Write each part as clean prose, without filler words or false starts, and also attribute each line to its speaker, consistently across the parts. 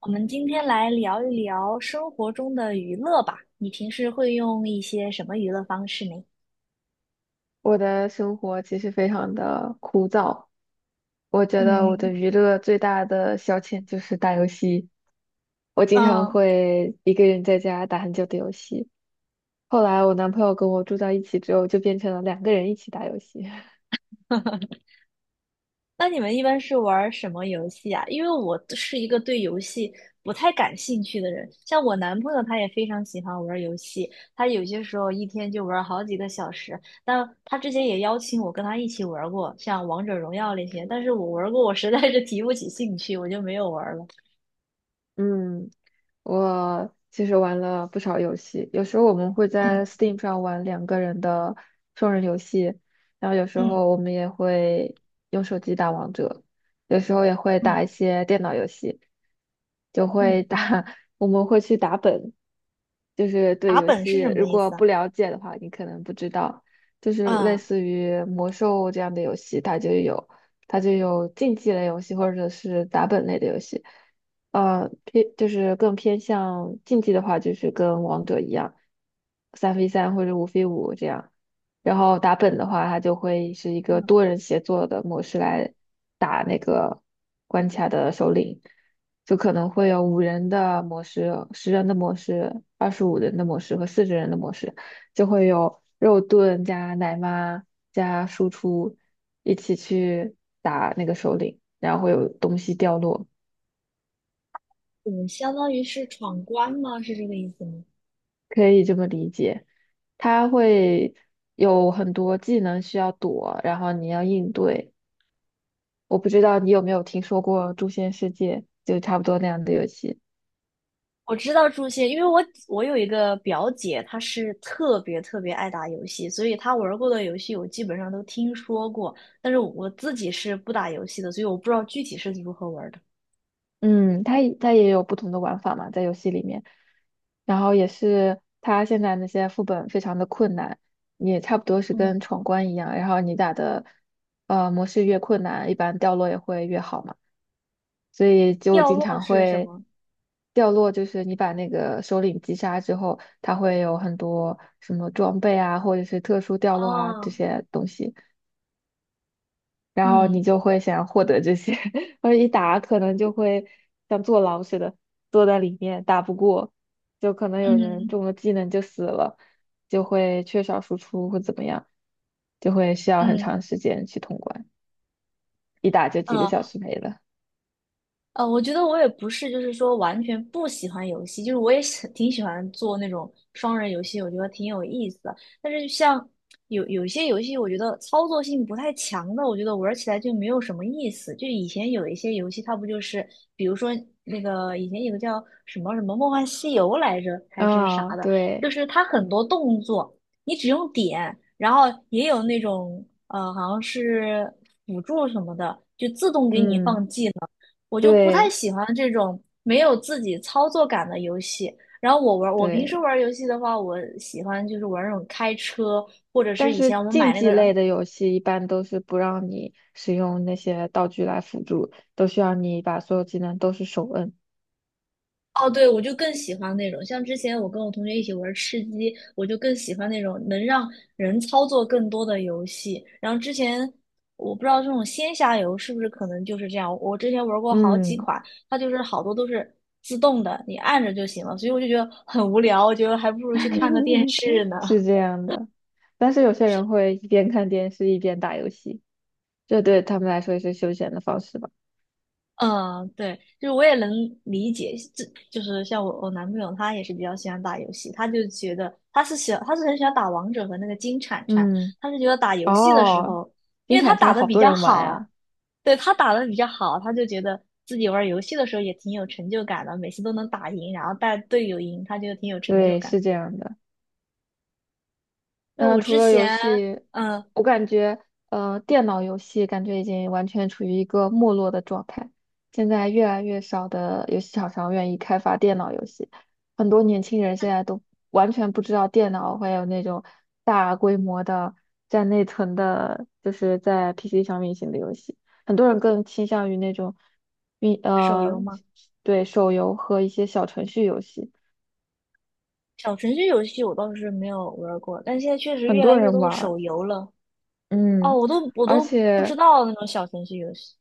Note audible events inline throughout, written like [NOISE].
Speaker 1: 我们今天来聊一聊生活中的娱乐吧。你平时会用一些什么娱乐方式呢？
Speaker 2: 我的生活其实非常的枯燥，我觉得我的
Speaker 1: 嗯
Speaker 2: 娱乐最大的消遣就是打游戏。我经常
Speaker 1: 嗯。
Speaker 2: 会一个人在家打很久的游戏。后来我男朋友跟我住在一起之后，就变成了两个人一起打游戏。
Speaker 1: 那你们一般是玩儿什么游戏啊？因为我是一个对游戏不太感兴趣的人，像我男朋友他也非常喜欢玩儿游戏，他有些时候一天就玩儿好几个小时。但他之前也邀请我跟他一起玩儿过，像王者荣耀那些，但是我玩儿过，我实在是提不起兴趣，我就没有玩儿了。
Speaker 2: [LAUGHS] 嗯，我其实玩了不少游戏，有时候我们会在
Speaker 1: 嗯
Speaker 2: Steam 上玩两个人的双人游戏，然后有时
Speaker 1: 嗯
Speaker 2: 候我们也会用手机打王者，有时候也会打
Speaker 1: 嗯
Speaker 2: 一些电脑游戏。就
Speaker 1: 嗯，
Speaker 2: 会
Speaker 1: 嗯，
Speaker 2: 打，[LAUGHS] 我们会去打本，就是对
Speaker 1: 打
Speaker 2: 游
Speaker 1: 本是什
Speaker 2: 戏
Speaker 1: 么
Speaker 2: 如
Speaker 1: 意
Speaker 2: 果
Speaker 1: 思啊？
Speaker 2: 不了解的话，你可能不知道，就是类
Speaker 1: 嗯，
Speaker 2: 似于魔兽这样的游戏，它就有竞技类游戏或者是打本类的游戏。呃，偏就是更偏向竞技的话，就是跟王者一样，三 v 三或者五 v 五这样。然后打本的话，它就会是一个多人协作的模式来打那个关卡的首领。就可能会有五人的模式、十人的模式、二十五人的模式和四十人的模式，就会有肉盾加奶妈加输出一起去打那个首领，然后会有东西掉落。
Speaker 1: 嗯，相当于是闯关吗？是这个意思吗？
Speaker 2: 可以这么理解。它会有很多技能需要躲，然后你要应对。我不知道你有没有听说过《诛仙世界》，就差不多那样的游戏。
Speaker 1: 我知道诛仙，因为我有一个表姐，她是特别特别爱打游戏，所以她玩过的游戏我基本上都听说过，但是我自己是不打游戏的，所以我不知道具体是如何玩的。
Speaker 2: 嗯，它也有不同的玩法嘛，在游戏里面，然后也是它现在那些副本非常的困难，也差不多是
Speaker 1: 嗯，
Speaker 2: 跟闯关一样，然后你打的模式越困难，一般掉落也会越好嘛，所以就
Speaker 1: 掉
Speaker 2: 经
Speaker 1: 落
Speaker 2: 常
Speaker 1: 是什
Speaker 2: 会
Speaker 1: 么？
Speaker 2: 掉落。就是你把那个首领击杀之后，它会有很多什么装备啊，或者是特殊掉落啊这
Speaker 1: 啊？
Speaker 2: 些东西。然后你
Speaker 1: 嗯
Speaker 2: 就会想要获得这些，[LAUGHS] 而一打可能就会像坐牢似的坐在里面打不过，就可能有人
Speaker 1: 嗯
Speaker 2: 中了技能就死了，就会缺少输出或怎么样，就会需要很
Speaker 1: 嗯嗯，
Speaker 2: 长时间去通关，一打就几个
Speaker 1: 呃
Speaker 2: 小时没了。
Speaker 1: 我觉得我也不是，就是说完全不喜欢游戏，就是我也[LAUGHS] 挺喜欢做那种双人游戏，我觉得挺有意思的。但是像有些游戏，我觉得操作性不太强的，我觉得玩起来就没有什么意思。就以前有一些游戏，它不就是，比如说那个以前有个叫什么什么《梦幻西游》来着，还是啥
Speaker 2: 啊、
Speaker 1: 的，就
Speaker 2: 对，
Speaker 1: 是它很多动作你只用点，然后也有那种好像是辅助什么的，就自动给你
Speaker 2: 嗯，
Speaker 1: 放技能。我就不太
Speaker 2: 对
Speaker 1: 喜欢这种没有自己操作感的游戏。然后我平
Speaker 2: 对，
Speaker 1: 时玩游戏的话，我喜欢就是玩那种开车，或者是
Speaker 2: 但
Speaker 1: 以
Speaker 2: 是
Speaker 1: 前我们买
Speaker 2: 竞
Speaker 1: 那
Speaker 2: 技
Speaker 1: 个，
Speaker 2: 类的游戏一般都是不让你使用那些道具来辅助，都需要你把所有技能都是手摁。
Speaker 1: 哦，对，我就更喜欢那种。像之前我跟我同学一起玩吃鸡，我就更喜欢那种能让人操作更多的游戏。然后之前我不知道这种仙侠游是不是可能就是这样，我之前玩过好几
Speaker 2: 嗯。
Speaker 1: 款，它就是好多都是自动的，你按着就行了，所以我就觉得很无聊，我觉得还不如去看个电视呢。
Speaker 2: [LAUGHS] 是这样的，但是有些人会一边看电视一边打游戏，这对他们来说也是休闲的方式吧。
Speaker 1: 嗯，对，就是我也能理解，这就是像我男朋友，他也是比较喜欢打游戏，他就觉得他是很喜欢打王者和那个金铲铲，
Speaker 2: 嗯，
Speaker 1: 他是觉得打游戏的时
Speaker 2: 哦，
Speaker 1: 候，因
Speaker 2: 金
Speaker 1: 为他
Speaker 2: 铲
Speaker 1: 打
Speaker 2: 铲
Speaker 1: 的
Speaker 2: 好
Speaker 1: 比
Speaker 2: 多
Speaker 1: 较
Speaker 2: 人玩
Speaker 1: 好，
Speaker 2: 呀。
Speaker 1: 对，他打的比较好，他就觉得自己玩游戏的时候也挺有成就感的，每次都能打赢，然后带队友赢，他觉得挺有成就
Speaker 2: 对，
Speaker 1: 感。
Speaker 2: 是这样的。
Speaker 1: 那我
Speaker 2: 嗯，除
Speaker 1: 之
Speaker 2: 了游
Speaker 1: 前，
Speaker 2: 戏，
Speaker 1: 嗯，
Speaker 2: 我感觉电脑游戏感觉已经完全处于一个没落的状态。现在越来越少的游戏厂商愿意开发电脑游戏，很多年轻人现在都完全不知道电脑会有那种大规模的占内存的，就是在 PC 上运行的游戏。很多人更倾向于那种运
Speaker 1: 手
Speaker 2: 呃，
Speaker 1: 游嘛，
Speaker 2: 对手游和一些小程序游戏，
Speaker 1: 小程序游戏我倒是没有玩儿过，但现在确实
Speaker 2: 很
Speaker 1: 越
Speaker 2: 多
Speaker 1: 来越
Speaker 2: 人
Speaker 1: 多的
Speaker 2: 玩儿，
Speaker 1: 手游了。哦，
Speaker 2: 嗯。
Speaker 1: 我都我
Speaker 2: 而
Speaker 1: 都不知
Speaker 2: 且
Speaker 1: 道那种小程序游戏。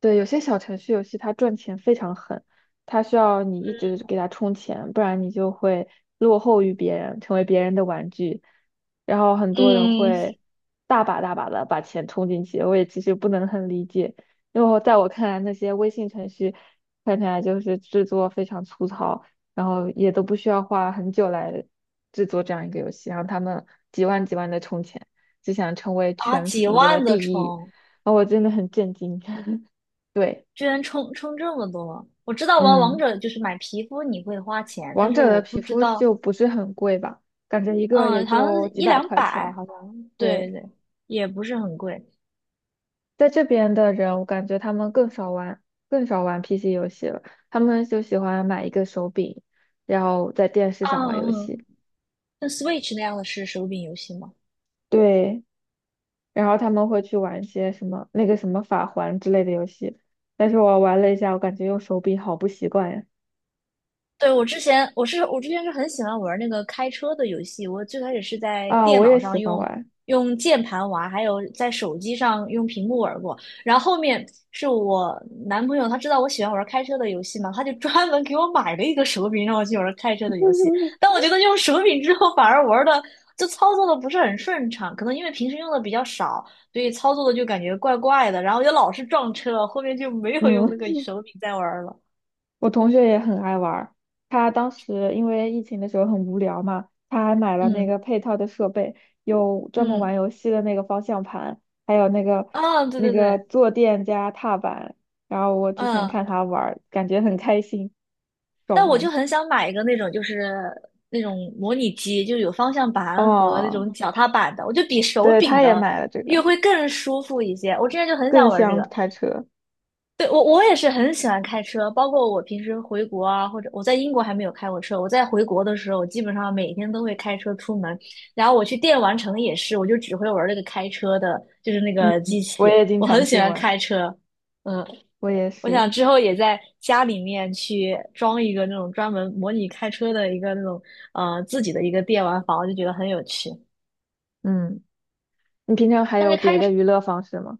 Speaker 2: 对，有些小程序游戏它赚钱非常狠，它需要你一直给它充钱，不然你就会落后于别人，成为别人的玩具。然后很多人
Speaker 1: 嗯，
Speaker 2: 会大把大把的把钱充进去，我也其实不能很理解，因为我在我看来，那些微信程序看起来就是制作非常粗糙，然后也都不需要花很久来制作这样一个游戏，然后他们几万几万的充钱，就想成为
Speaker 1: 啊，
Speaker 2: 全
Speaker 1: 几
Speaker 2: 服的
Speaker 1: 万的
Speaker 2: 第一，
Speaker 1: 充，
Speaker 2: 然后我真的很震惊。[LAUGHS] 对，
Speaker 1: 居然充这么多！我知道玩王
Speaker 2: 嗯，
Speaker 1: 者就是买皮肤你会花钱，但
Speaker 2: 王
Speaker 1: 是
Speaker 2: 者
Speaker 1: 我
Speaker 2: 的
Speaker 1: 不
Speaker 2: 皮
Speaker 1: 知
Speaker 2: 肤
Speaker 1: 道，
Speaker 2: 就不是很贵吧，感觉一个也
Speaker 1: 嗯，好像是
Speaker 2: 就几
Speaker 1: 一
Speaker 2: 百
Speaker 1: 两
Speaker 2: 块
Speaker 1: 百，
Speaker 2: 钱。
Speaker 1: 好像，对
Speaker 2: 对，
Speaker 1: 对，也不是很贵。
Speaker 2: 在这边的人，我感觉他们更少玩，更少玩 PC 游戏了，他们就喜欢买一个手柄，然后在电视
Speaker 1: 啊
Speaker 2: 上玩游戏。
Speaker 1: 嗯，像 Switch 那样的是手柄游戏吗？
Speaker 2: 对，然后他们会去玩一些什么那个什么法环之类的游戏，但是我玩了一下，我感觉用手柄好不习惯呀。
Speaker 1: 对，我之前是很喜欢玩那个开车的游戏，我最开始是在
Speaker 2: 啊，
Speaker 1: 电
Speaker 2: 我
Speaker 1: 脑
Speaker 2: 也喜
Speaker 1: 上
Speaker 2: 欢
Speaker 1: 用
Speaker 2: 玩。
Speaker 1: 用键盘玩，还有在手机上用屏幕玩过。然后后面是我男朋友，他知道我喜欢玩开车的游戏嘛，他就专门给我买了一个手柄让我去玩开车的游戏。但
Speaker 2: [LAUGHS]
Speaker 1: 我觉得用手柄之后反而玩的就操作的不是很顺畅，可能因为平时用的比较少，所以操作的就感觉怪怪的，然后就老是撞车，后面就没有用
Speaker 2: 嗯，
Speaker 1: 那个手柄再玩了。
Speaker 2: 我同学也很爱玩儿，他当时因为疫情的时候很无聊嘛，他还买了那
Speaker 1: 嗯
Speaker 2: 个配套的设备，有专门
Speaker 1: 嗯。
Speaker 2: 玩游戏的那个方向盘，还有那个
Speaker 1: 嗯，对
Speaker 2: 那
Speaker 1: 对
Speaker 2: 个
Speaker 1: 对，
Speaker 2: 坐垫加踏板。然后我之前
Speaker 1: 嗯，
Speaker 2: 看他玩儿，感觉很开心，
Speaker 1: 但
Speaker 2: 爽
Speaker 1: 我就
Speaker 2: 玩。
Speaker 1: 很想买一个那种，就是那种模拟机，就有方向盘和那
Speaker 2: 哦，
Speaker 1: 种脚踏板的，我就比手
Speaker 2: 对，
Speaker 1: 柄
Speaker 2: 他也
Speaker 1: 的
Speaker 2: 买了这个，
Speaker 1: 又会更舒服一些。我之前就很想
Speaker 2: 更
Speaker 1: 玩这
Speaker 2: 像
Speaker 1: 个，
Speaker 2: 开车。
Speaker 1: 对，我也是很喜欢开车，包括我平时回国啊，或者我在英国还没有开过车，我在回国的时候，我基本上每天都会开车出门，然后我去电玩城也是，我就只会玩那个开车的，就是那
Speaker 2: 嗯，
Speaker 1: 个机器，
Speaker 2: 我也经
Speaker 1: 我很
Speaker 2: 常
Speaker 1: 喜
Speaker 2: 去
Speaker 1: 欢
Speaker 2: 玩，
Speaker 1: 开车，嗯。
Speaker 2: 我也
Speaker 1: 我
Speaker 2: 是。
Speaker 1: 想之后也在家里面去装一个那种专门模拟开车的一个那种自己的一个电玩房，就觉得很有趣。
Speaker 2: 嗯，你平常还
Speaker 1: 但
Speaker 2: 有
Speaker 1: 是
Speaker 2: 别
Speaker 1: 开
Speaker 2: 的
Speaker 1: 始
Speaker 2: 娱乐方式吗？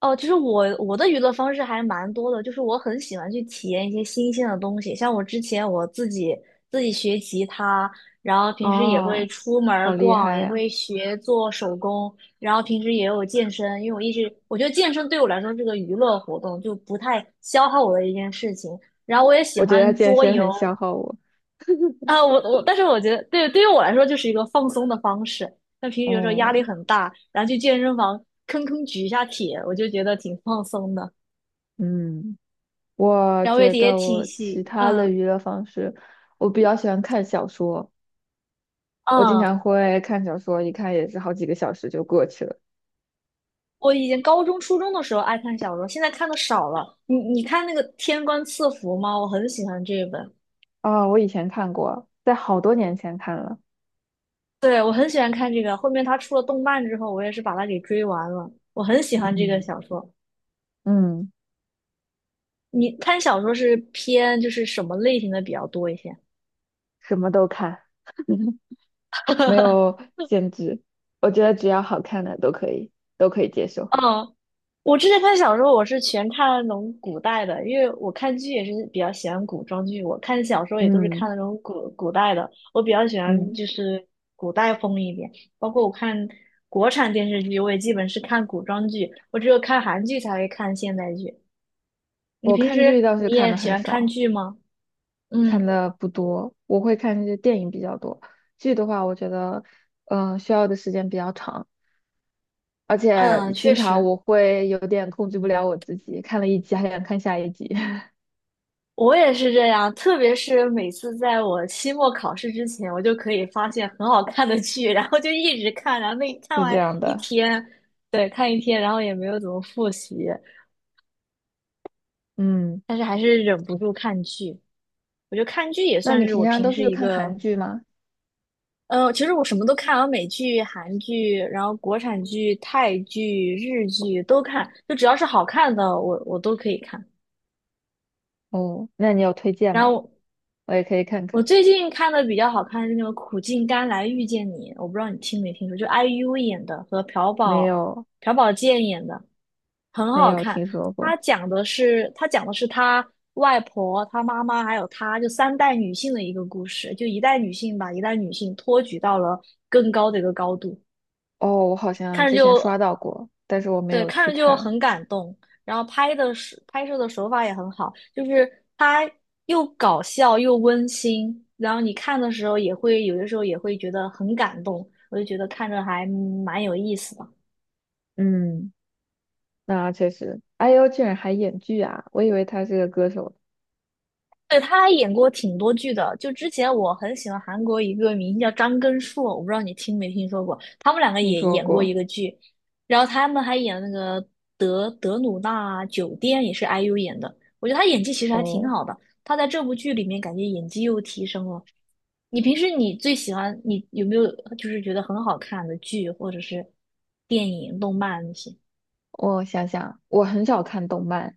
Speaker 1: 哦，就是我的娱乐方式还蛮多的，就是我很喜欢去体验一些新鲜的东西，像我之前我自己学吉他，然后平时也会
Speaker 2: 哦，
Speaker 1: 出门儿
Speaker 2: 好厉
Speaker 1: 逛，
Speaker 2: 害
Speaker 1: 也
Speaker 2: 呀！
Speaker 1: 会学做手工，然后平时也有健身，因为我一直我觉得健身对我来说是个娱乐活动，就不太消耗我的一件事情。然后我也喜
Speaker 2: 我觉得
Speaker 1: 欢
Speaker 2: 健
Speaker 1: 桌
Speaker 2: 身
Speaker 1: 游，
Speaker 2: 很消耗我。
Speaker 1: 啊，但是我觉得，对，对于我来说就是一个放松的方式。那平时有时候压力
Speaker 2: 哦，
Speaker 1: 很大，然后去健身房吭吭举一下铁，我就觉得挺放松的。
Speaker 2: 嗯，我
Speaker 1: 然后也
Speaker 2: 觉
Speaker 1: 也
Speaker 2: 得
Speaker 1: 挺
Speaker 2: 我其
Speaker 1: 喜，
Speaker 2: 他的
Speaker 1: 嗯
Speaker 2: 娱乐方式，我比较喜欢看小说，我经
Speaker 1: 嗯。
Speaker 2: 常会看小说，一看也是好几个小时就过去了。
Speaker 1: 我以前高中、初中的时候爱看小说，现在看的少了。你看那个《天官赐福》吗？我很喜欢这一本，
Speaker 2: 啊、我以前看过，在好多年前看了，
Speaker 1: 对，我很喜欢看这个。后面他出了动漫之后，我也是把它给追完了。我很喜欢这个
Speaker 2: 嗯，
Speaker 1: 小说。
Speaker 2: 嗯，
Speaker 1: 你看小说是偏就是什么类型的比较多一些？
Speaker 2: 什么都看。[LAUGHS] 没
Speaker 1: [LAUGHS]
Speaker 2: 有限制，我觉得只要好看的都可以，都可以接受。
Speaker 1: 嗯，我之前看小说，我是全看那种古代的，因为我看剧也是比较喜欢古装剧，我看小说也都是看
Speaker 2: 嗯
Speaker 1: 那种古代的，我比较喜欢
Speaker 2: 嗯，
Speaker 1: 就是古代风一点。包括我看国产电视剧，我也基本是看古装剧，我只有看韩剧才会看现代剧。你
Speaker 2: 我
Speaker 1: 平
Speaker 2: 看剧
Speaker 1: 时
Speaker 2: 倒
Speaker 1: 你
Speaker 2: 是看
Speaker 1: 也
Speaker 2: 的
Speaker 1: 喜
Speaker 2: 很
Speaker 1: 欢看
Speaker 2: 少。
Speaker 1: 剧吗？
Speaker 2: 看
Speaker 1: 嗯
Speaker 2: 的不多，我会看这些电影比较多。剧的话，我觉得，需要的时间比较长，而
Speaker 1: 嗯，
Speaker 2: 且
Speaker 1: 确
Speaker 2: 经常
Speaker 1: 实。
Speaker 2: 我会有点控制不了我自己，看了一集还想看下一集。[LAUGHS]
Speaker 1: 我也是这样，特别是每次在我期末考试之前，我就可以发现很好看的剧，然后就一直看，然后那看
Speaker 2: 是这
Speaker 1: 完
Speaker 2: 样
Speaker 1: 一
Speaker 2: 的。
Speaker 1: 天，对，看一天，然后也没有怎么复习，
Speaker 2: 嗯，
Speaker 1: 但是还是忍不住看剧。我觉得看剧也
Speaker 2: 那你
Speaker 1: 算是
Speaker 2: 平
Speaker 1: 我
Speaker 2: 常
Speaker 1: 平
Speaker 2: 都
Speaker 1: 时
Speaker 2: 是
Speaker 1: 一
Speaker 2: 看韩
Speaker 1: 个，
Speaker 2: 剧吗？
Speaker 1: 呃，其实我什么都看，我美剧、韩剧，然后国产剧、泰剧、日剧都看，就只要是好看的，我都可以看。
Speaker 2: 哦，那你有推荐
Speaker 1: 然
Speaker 2: 吗？
Speaker 1: 后
Speaker 2: 我也可以看
Speaker 1: 我
Speaker 2: 看。
Speaker 1: 最近看的比较好看是那个《苦尽甘来遇见你》，我不知道你听没听说，就 IU 演的和朴
Speaker 2: 没
Speaker 1: 宝
Speaker 2: 有，
Speaker 1: 朴宝剑演的，很
Speaker 2: 没
Speaker 1: 好
Speaker 2: 有
Speaker 1: 看。
Speaker 2: 听说
Speaker 1: 他
Speaker 2: 过。
Speaker 1: 讲的是他讲的是他外婆、他妈妈还有他就三代女性的一个故事，就一代女性把一代女性托举到了更高的一个高度，
Speaker 2: 哦，我好像
Speaker 1: 看着
Speaker 2: 之前
Speaker 1: 就
Speaker 2: 刷到过，但是我没
Speaker 1: 对，
Speaker 2: 有
Speaker 1: 看
Speaker 2: 去
Speaker 1: 着就
Speaker 2: 看。
Speaker 1: 很感动，然后拍摄的手法也很好，就是它又搞笑又温馨，然后你看的时候也会有的时候也会觉得很感动，我就觉得看着还蛮有意思的。
Speaker 2: 嗯，那确实，IU 居然还演剧啊，我以为他是个歌手。
Speaker 1: 对，他还演过挺多剧的。就之前我很喜欢韩国一个明星叫张根硕，我不知道你听没听说过。他们两个
Speaker 2: 听
Speaker 1: 也
Speaker 2: 说
Speaker 1: 演过一
Speaker 2: 过。
Speaker 1: 个剧，然后他们还演那个德鲁纳酒店，也是 IU 演的。我觉得他演技其实还挺
Speaker 2: 哦，
Speaker 1: 好的，他在这部剧里面感觉演技又提升了。你平时你最喜欢你有没有就是觉得很好看的剧或者是电影、动漫那些？
Speaker 2: 我想想，我很少看动漫，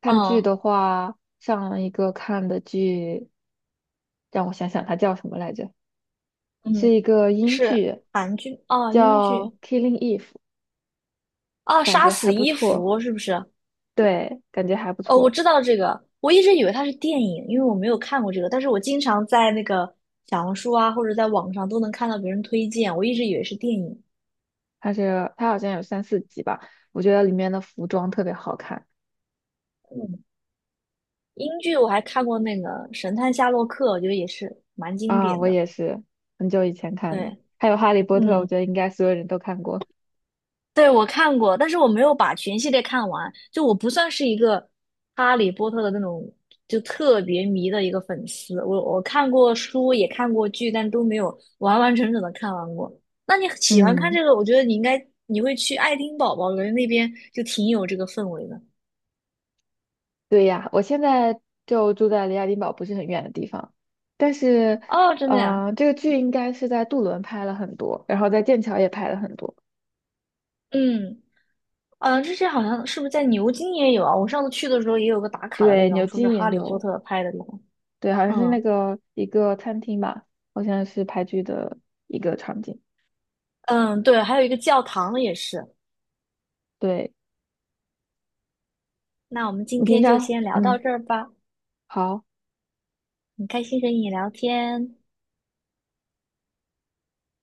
Speaker 2: 看剧
Speaker 1: 嗯
Speaker 2: 的话，上一个看的剧，让我想想，它叫什么来着？是
Speaker 1: 嗯，
Speaker 2: 一个英
Speaker 1: 是
Speaker 2: 剧，
Speaker 1: 韩剧哦，英
Speaker 2: 叫
Speaker 1: 剧
Speaker 2: 《Killing Eve》，
Speaker 1: 哦，
Speaker 2: 感
Speaker 1: 杀
Speaker 2: 觉
Speaker 1: 死
Speaker 2: 还不
Speaker 1: 伊
Speaker 2: 错。
Speaker 1: 芙是不是？
Speaker 2: 对，感觉还不
Speaker 1: 哦，我
Speaker 2: 错。
Speaker 1: 知道这个，我一直以为它是电影，因为我没有看过这个，但是我经常在那个小红书啊，或者在网上都能看到别人推荐，我一直以为是电影。
Speaker 2: 它是它好像有三四集吧，我觉得里面的服装特别好看。
Speaker 1: 嗯，英剧我还看过那个《神探夏洛克》，我觉得也是蛮经
Speaker 2: 啊，
Speaker 1: 典
Speaker 2: 我
Speaker 1: 的。
Speaker 2: 也是很久以前看的。
Speaker 1: 对，
Speaker 2: 还有《哈利波特》，我
Speaker 1: 嗯。
Speaker 2: 觉得应该所有人都看过。
Speaker 1: 对，我看过，但是我没有把全系列看完。就我不算是一个哈利波特的那种就特别迷的一个粉丝，我看过书，也看过剧，但都没有完完整整的看完过。那你喜欢看
Speaker 2: 嗯。
Speaker 1: 这个，我觉得你应该你会去爱丁堡吧，我觉得那边就挺有这个氛围的。
Speaker 2: 对呀，我现在就住在离爱丁堡不是很远的地方，但是，
Speaker 1: 哦，真的呀，
Speaker 2: 这个剧应该是在杜伦拍了很多，然后在剑桥也拍了很多。
Speaker 1: 嗯，呃，之前好像是不是在牛津也有啊？我上次去的时候也有个打卡的地
Speaker 2: 对，
Speaker 1: 方，
Speaker 2: 牛
Speaker 1: 说是
Speaker 2: 津
Speaker 1: 哈
Speaker 2: 也
Speaker 1: 利波
Speaker 2: 有，
Speaker 1: 特拍的地方。
Speaker 2: 对，好像是
Speaker 1: 嗯
Speaker 2: 那个一个餐厅吧，好像是拍剧的一个场景。
Speaker 1: 嗯，对，还有一个教堂也是。
Speaker 2: 对，
Speaker 1: 那我们今
Speaker 2: 你平
Speaker 1: 天就
Speaker 2: 常，
Speaker 1: 先聊到
Speaker 2: 嗯，
Speaker 1: 这儿吧，
Speaker 2: 好。
Speaker 1: 很开心和你聊天，